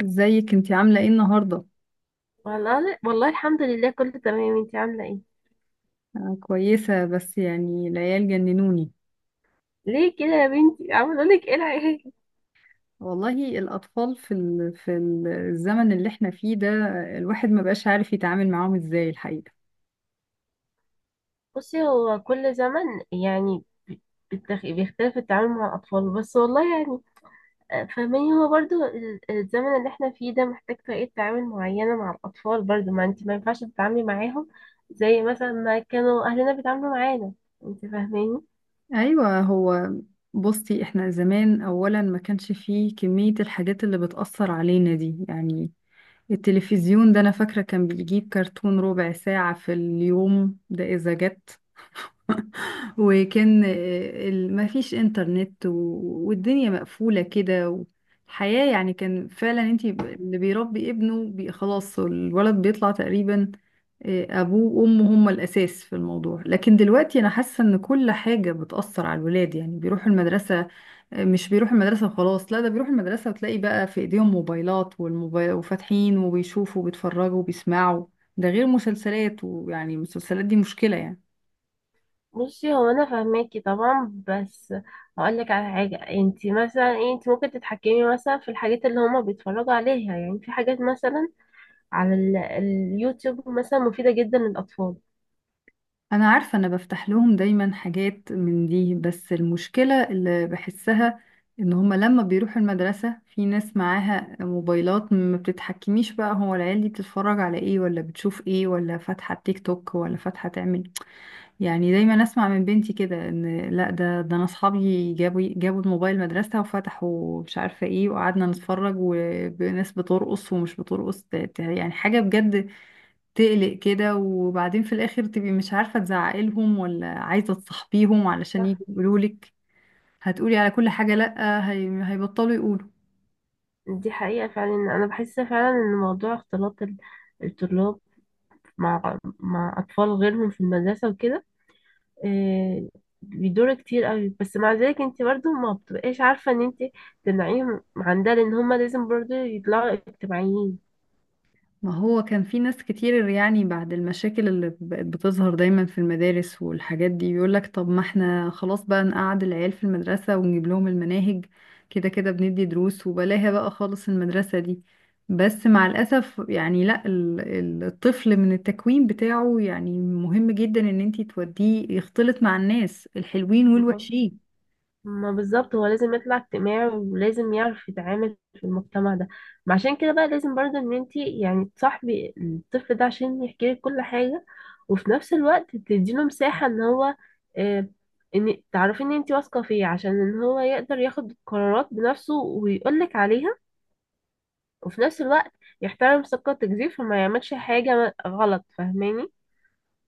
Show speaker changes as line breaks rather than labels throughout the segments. ازيك انتي عاملة ايه النهاردة؟
والله والله، الحمد لله كله تمام. انتي عاملة ايه؟
أنا كويسة، بس يعني العيال جننوني.
ليه كده يا بنتي، عاملة لك ايه العيال؟
والله الأطفال الزمن اللي احنا فيه ده، الواحد ما بقاش عارف يتعامل معاهم ازاي الحقيقة.
بصي، هو كل زمن يعني، ب- بيختلف التعامل مع الأطفال. بس والله يعني فاهماني، هو برضو الزمن اللي احنا فيه ده محتاج طريقة تعامل معينة مع الأطفال، برضو. ما انتي ما ينفعش تتعاملي معاهم زي مثلا ما كانوا أهلنا بيتعاملوا معانا. انتي فاهماني؟
أيوة هو، بصي احنا زمان أولا ما كانش فيه كمية الحاجات اللي بتأثر علينا دي، يعني التلفزيون ده أنا فاكرة كان بيجيب كرتون ربع ساعة في اليوم ده إذا جت. وكان مفيش انترنت والدنيا مقفولة كده. والحياة يعني كان فعلا انتي اللي بيربي ابنه خلاص الولد بيطلع تقريبا ابوه وامه هما الاساس في الموضوع. لكن دلوقتي انا حاسة ان كل حاجة بتأثر على الولاد، يعني بيروحوا المدرسة مش بيروحوا المدرسة وخلاص، لا، ده بيروحوا المدرسة وتلاقي بقى في ايديهم موبايلات، والموبايل وفاتحين وبيشوفوا وبيتفرجوا وبيسمعوا، ده غير مسلسلات، ويعني المسلسلات دي مشكلة يعني.
بصي، هو انا فاهماكي طبعا، بس هقول لك على حاجه. انت مثلا ايه، انت ممكن تتحكمي مثلا في الحاجات اللي هما بيتفرجوا عليها. يعني في حاجات مثلا على اليوتيوب مثلا مفيده جدا للاطفال.
انا عارفة، انا بفتح لهم دايما حاجات من دي، بس المشكلة اللي بحسها ان هما لما بيروحوا المدرسة في ناس معاها موبايلات، ما بتتحكميش بقى هو العيال دي بتتفرج على ايه، ولا بتشوف ايه، ولا فاتحة تيك توك، ولا فاتحة تعمل. يعني دايما اسمع من بنتي كده ان لا ده ده انا اصحابي جابوا الموبايل مدرسة وفتحوا مش عارفة ايه، وقعدنا نتفرج وناس بترقص ومش بترقص، يعني حاجة بجد تقلق كده. وبعدين في الاخر تبقي مش عارفة تزعقي لهم ولا عايزة تصاحبيهم علشان
صح.
يجوا يقولوا لك، هتقولي على كل حاجة لأ، هيبطلوا يقولوا.
دي حقيقه فعلا. انا بحس فعلا ان موضوع اختلاط الطلاب مع اطفال غيرهم في المدرسه وكده، إيه، بيدور كتير قوي. بس مع ذلك انت برضو ما بتبقاش عارفه ان انت تمنعيهم عن ده، لان هما لازم برضو يطلعوا اجتماعيين.
ما هو كان في ناس كتير يعني بعد المشاكل اللي بقت بتظهر دايما في المدارس والحاجات دي، بيقولك طب ما احنا خلاص بقى نقعد العيال في المدرسة ونجيب لهم المناهج، كده كده بندي دروس، وبلاها بقى خالص المدرسة دي. بس مع الأسف يعني لا، الطفل من التكوين بتاعه يعني مهم جدا ان انتي توديه يختلط مع الناس الحلوين والوحشين.
ما بالظبط، هو لازم يطلع اجتماعي ولازم يعرف يتعامل في المجتمع ده. ما عشان كده بقى لازم برضه ان انتي يعني تصاحبي الطفل ده عشان يحكي لك كل حاجة، وفي نفس الوقت تديله مساحة ان هو، آه ان تعرفي ان انتي واثقة فيه عشان ان هو يقدر ياخد قرارات بنفسه ويقول لك عليها. وفي نفس الوقت يحترم ثقتك دي، فما يعملش حاجة غلط. فاهماني؟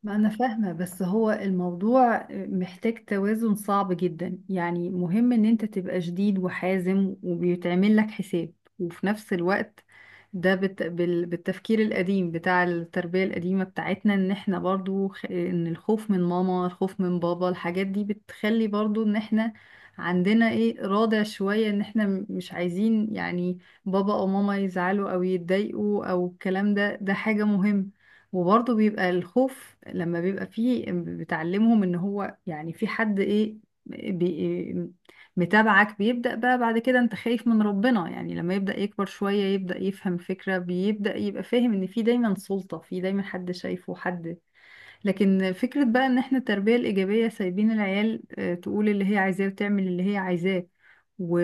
ما أنا فاهمة، بس هو الموضوع محتاج توازن صعب جدا. يعني مهم إن أنت تبقى شديد وحازم وبيتعمل لك حساب، وفي نفس الوقت ده بالتفكير القديم بتاع التربية القديمة بتاعتنا، إن إحنا برضو إن الخوف من ماما، الخوف من بابا، الحاجات دي بتخلي برضو إن إحنا عندنا إيه، رادع شوية، إن إحنا مش عايزين يعني بابا أو ماما يزعلوا أو يتضايقوا أو الكلام ده، ده حاجة مهمة. وبرضه بيبقى الخوف لما بيبقى فيه بتعلمهم ان هو يعني في حد ايه بي متابعك. بيبدأ بقى بعد كده انت خايف من ربنا، يعني لما يبدأ يكبر شوية يبدأ يفهم فكرة، بيبدأ يبقى فاهم ان في دايما سلطة، في دايما حد شايفه، حد. لكن فكرة بقى ان احنا التربية الإيجابية سايبين العيال تقول اللي هي عايزاه وتعمل اللي هي عايزاه، و...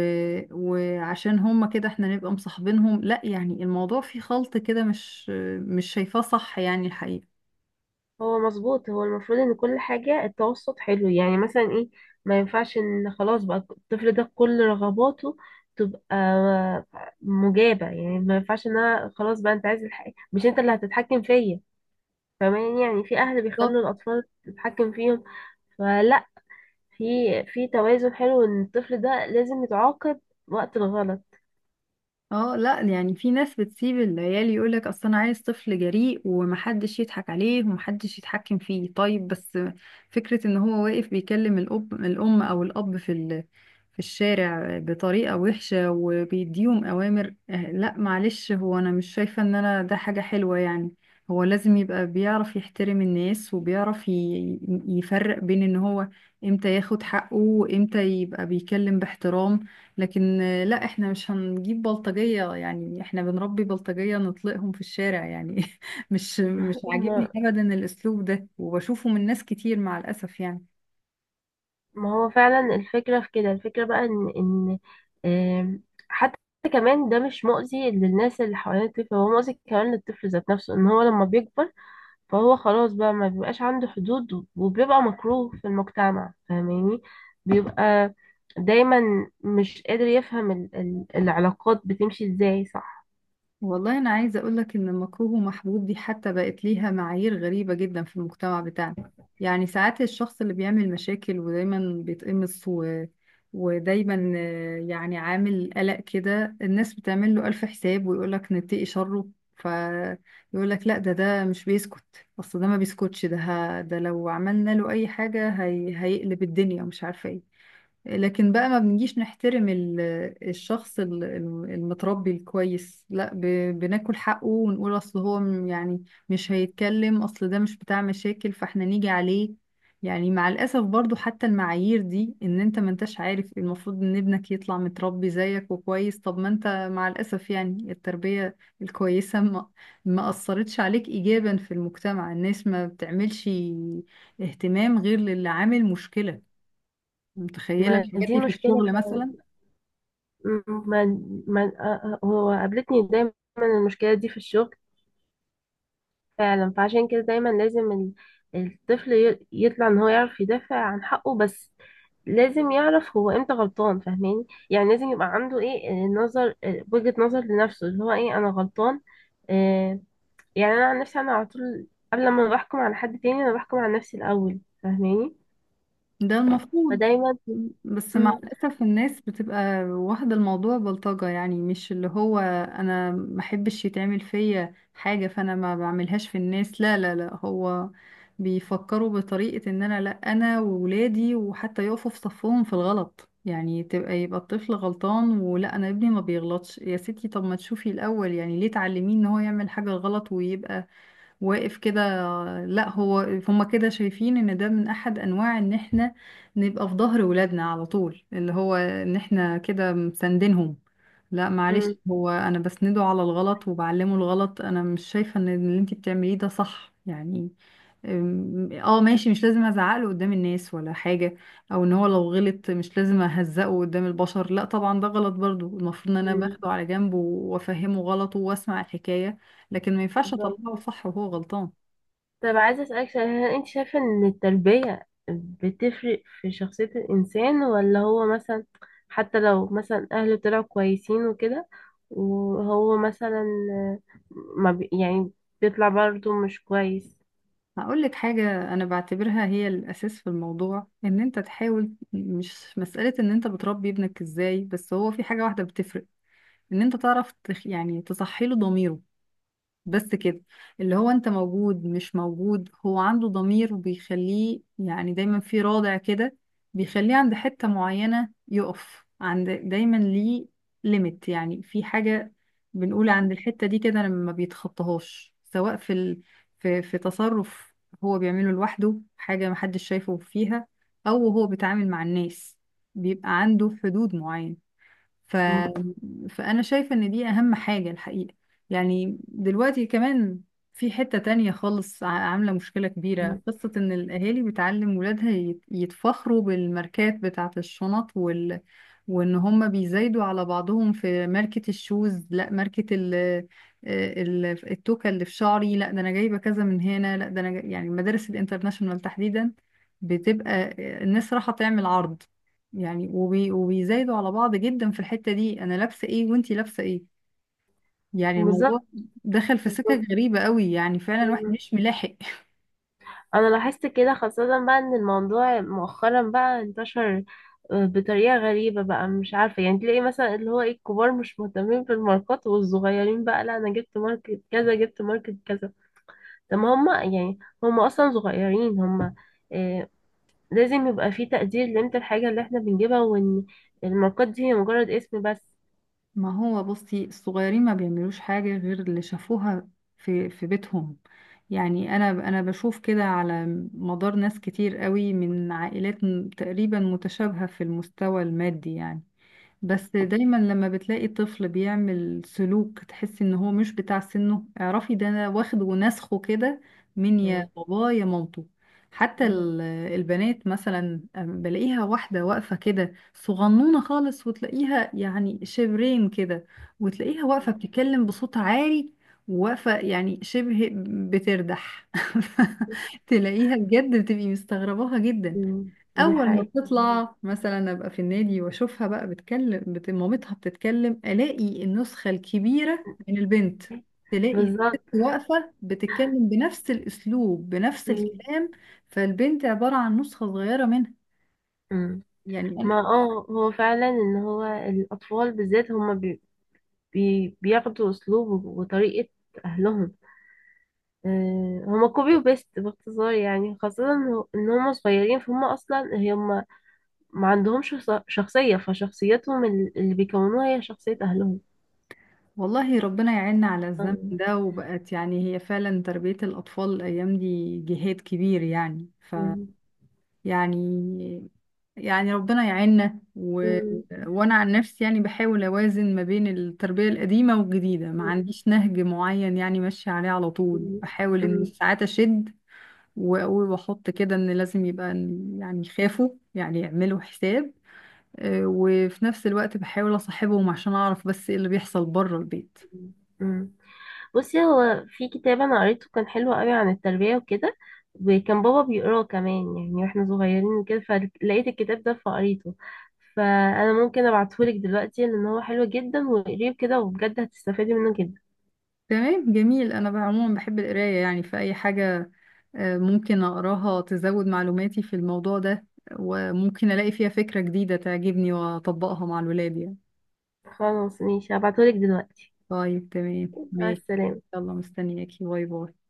وعشان هما كده احنا نبقى مصاحبينهم، لا، يعني الموضوع فيه خلط كده، مش مش شايفاه صح يعني الحقيقة.
هو مظبوط، هو المفروض ان كل حاجة التوسط حلو. يعني مثلا ايه، ما ينفعش ان خلاص بقى الطفل ده كل رغباته تبقى مجابة. يعني ما ينفعش ان انا خلاص بقى انت عايز الحاجة، مش انت اللي هتتحكم فيا. فمان يعني في اهل بيخلوا
بالظبط.
الاطفال تتحكم فيهم. فلا، في في توازن حلو ان الطفل ده لازم يتعاقب وقت الغلط.
اه لا، يعني في ناس بتسيب العيال، يقولك اصل انا عايز طفل جريء ومحدش يضحك عليه ومحدش يتحكم فيه. طيب، بس فكرة ان هو واقف بيكلم الاب الام، او الاب في الشارع بطريقة وحشة وبيديهم اوامر، لا معلش، هو انا مش شايفة ان انا ده حاجة حلوة يعني. هو لازم يبقى بيعرف يحترم الناس، وبيعرف يفرق بين ان هو امتى ياخد حقه، وامتى يبقى بيكلم باحترام. لكن لا، احنا مش هنجيب بلطجية، يعني احنا بنربي بلطجية نطلقهم في الشارع يعني مش عاجبني ابدا الاسلوب ده، وبشوفه من ناس كتير مع الاسف يعني.
ما هو فعلا الفكرة في كده. الفكرة بقى ان آم، حتى كمان ده مش مؤذي للناس اللي حوالين الطفل، هو مؤذي كمان للطفل ذات نفسه، ان هو لما بيكبر فهو خلاص بقى ما بيبقاش عنده حدود وبيبقى مكروه في المجتمع. فاهماني؟ بيبقى دايما مش قادر يفهم ال العلاقات بتمشي ازاي. صح.
والله أنا عايزة أقولك إن المكروه ومحبوب دي حتى بقت ليها معايير غريبة جدا في المجتمع بتاعنا. يعني ساعات الشخص اللي بيعمل مشاكل ودايما بيتقمص و... ودايما آه، يعني عامل قلق كده، الناس بتعمل له ألف حساب، ويقولك نتقي شره. فيقولك لا ده ده مش بيسكت، أصل ده ما بيسكتش، ده ده لو عملنا له أي حاجة هيقلب الدنيا ومش عارفة إيه. لكن بقى ما بنجيش نحترم الشخص المتربي الكويس، لا، بناكل حقه، ونقول اصل هو يعني مش هيتكلم، اصل ده مش بتاع مشاكل، فاحنا نيجي عليه. يعني مع الاسف برضو حتى المعايير دي، ان انت ما انتش عارف المفروض ان ابنك يطلع متربي زيك وكويس. طب ما انت مع الاسف يعني التربية الكويسة ما ما اثرتش عليك ايجابا في المجتمع، الناس ما بتعملش اهتمام غير للي عامل مشكلة. متخيلة
ما
الحاجات
دي
دي في
مشكلة
الشغل
فعلا.
مثلا؟
ما ما آه، آه، هو قابلتني دايما المشكلة دي في الشغل فعلا. فعشان كده دايما لازم الطفل يطلع ان هو يعرف يدافع عن حقه. بس لازم يعرف هو امتى غلطان. فاهماني؟ يعني لازم يبقى عنده ايه، نظر، وجهة نظر لنفسه، اللي هو ايه، انا غلطان. آه يعني انا عن نفسي انا على طول قبل ما بحكم على حد تاني انا بحكم على نفسي الاول. فاهماني؟
ده المفروض،
فدايما
بس مع
امم
الأسف الناس بتبقى واخدة الموضوع بلطجة، يعني مش اللي هو أنا ما أحبش يتعمل فيا حاجة فأنا ما بعملهاش في الناس، لا لا لا، هو بيفكروا بطريقة إن أنا لا، أنا وولادي، وحتى يقفوا في صفهم في الغلط، يعني تبقى يبقى الطفل غلطان، ولا أنا ابني ما بيغلطش. يا ستي طب ما تشوفي الأول، يعني ليه تعلميه إن هو يعمل حاجة غلط ويبقى واقف كده؟ لا، هو هما كده شايفين ان ده من احد انواع ان احنا نبقى في ظهر ولادنا على طول، اللي هو ان احنا كده مساندينهم، لا معلش،
امم
هو انا بسنده على الغلط وبعلمه الغلط، انا مش شايفة ان اللي انتي بتعمليه ده صح يعني. اه ماشي، مش لازم ازعقله قدام الناس ولا حاجة، او ان هو لو غلط مش لازم اهزقه قدام البشر، لا طبعا ده غلط، برضو المفروض ان انا باخده على جنب وافهمه غلطه واسمع الحكاية، لكن ما ينفعش
بالظبط.
اطلعه صح وهو غلطان.
طب عايزة أسألك سؤال، هل أنت شايفة إن التربية بتفرق في شخصية الإنسان، ولا هو مثلا حتى لو مثلا أهله طلعوا كويسين وكده، وهو مثلا ما بي يعني بيطلع برضه مش كويس؟
هقول لك حاجة أنا بعتبرها هي الأساس في الموضوع، إن أنت تحاول، مش مسألة إن أنت بتربي ابنك إزاي، بس هو في حاجة واحدة بتفرق، إن أنت تعرف يعني تصحي له ضميره، بس كده، اللي هو انت موجود مش موجود، هو عنده ضمير، وبيخليه يعني دايما في رادع كده، بيخليه عند حتة معينة يقف عند دايما، ليه ليميت يعني في حاجة بنقول عند الحتة دي كده لما بيتخطاهاش، سواء في ال... في في تصرف هو بيعمله لوحده حاجة محدش شايفه فيها، او هو بيتعامل مع الناس بيبقى عنده حدود معينة. ف...
م-
فأنا شايفة إن دي أهم حاجة الحقيقة. يعني دلوقتي كمان في حتة تانية خالص عاملة مشكلة كبيرة، قصة إن الأهالي بتعلم ولادها يتفخروا بالماركات بتاعة الشنط وإن هما بيزايدوا على بعضهم في ماركة الشوز، لا ماركة التوكة اللي في شعري، لا ده أنا جايبة كذا من هنا، لا ده أنا يعني المدارس الانترناشونال تحديدا بتبقى الناس رايحة تعمل عرض يعني، وبيزايدوا على بعض جدا في الحتة دي، انا لابسة ايه وانتي لابسة ايه. يعني
بالظبط.
الموضوع دخل في سكة
بالظبط.
غريبة قوي، يعني فعلا الواحد مش ملاحق.
انا لاحظت كده، خاصة بقى ان الموضوع مؤخرا بقى انتشر بطريقة غريبة بقى، مش عارفة. يعني تلاقي مثلا اللي هو ايه، الكبار مش مهتمين بالماركات، والصغيرين بقى لا انا جبت ماركت كذا، جبت ماركت كذا. طب ما هما يعني هما اصلا صغيرين، هما آه لازم يبقى في تقدير لقيمة الحاجة اللي احنا بنجيبها، وان الماركات دي هي مجرد اسم بس.
ما هو بصي الصغيرين ما بيعملوش حاجة غير اللي شافوها في بيتهم. يعني انا بشوف كده على مدار ناس كتير قوي من عائلات تقريبا متشابهة في المستوى المادي يعني. بس دايما لما بتلاقي طفل بيعمل سلوك تحس ان هو مش بتاع سنه، اعرفي ده انا واخد ونسخه كده من يا
مم.
باباه يا مامته. حتى البنات مثلا أم بلاقيها واحدة واقفة كده صغنونة خالص وتلاقيها يعني شبرين كده، وتلاقيها واقفة بتتكلم بصوت عالي، وواقفة يعني شبه بتردح تلاقيها بجد بتبقي مستغرباها جدا.
مم، دي
اول ما
حقيقة.
بتطلع مثلا ابقى في النادي واشوفها بقى بتكلم مامتها بتتكلم، الاقي النسخه الكبيره من البنت، تلاقي الست
بالظبط.
واقفه بتتكلم بنفس الاسلوب بنفس
مم.
الكلام، فالبنت عباره عن نسخه صغيره منها.
مم.
يعني أنا
ما هو فعلا ان هو الاطفال بالذات هما بي بياخدوا اسلوب وطريقة اهلهم. هما كوبي وبيست باختصار، يعني خاصة إن هما صغيرين فهم اصلا هما ما عندهمش شخصية، فشخصيتهم اللي بيكونوها هي شخصية اهلهم.
والله ربنا يعيننا على الزمن
آه.
ده، وبقت يعني هي فعلا تربيه الاطفال الايام دي جهاد كبير، يعني ف
مم.
يعني يعني ربنا يعيننا و...
مم.
وانا عن نفسي يعني بحاول اوازن ما بين التربية القديمة والجديدة، ما عنديش نهج معين يعني ماشية عليه على طول،
مم.
بحاول ان
مم.
ساعات اشد واقول واحط كده ان لازم يبقى يعني يخافوا، يعني يعملوا حساب، وفي نفس الوقت بحاول اصاحبهم عشان اعرف بس ايه اللي بيحصل بره البيت.
مم. بصي، هو في كتاب انا قريته كان حلو قوي عن التربية وكده، وكان بابا بيقراه كمان يعني واحنا صغيرين وكده، فلقيت الكتاب ده فقريته. فانا ممكن ابعتهولك دلوقتي لان هو حلو جدا، واقريه كده وبجد هتستفادي منه جدا.
تمام جميل، انا عموما بحب القراية يعني في اي حاجة ممكن أقراها تزود معلوماتي في الموضوع ده، وممكن ألاقي فيها فكرة جديدة تعجبني وأطبقها مع الولاد يعني.
خلاص، ماشي، هبعتهولك دلوقتي.
طيب تمام
مع
ماشي.
السلامة.
يلا مستنياكي، باي باي.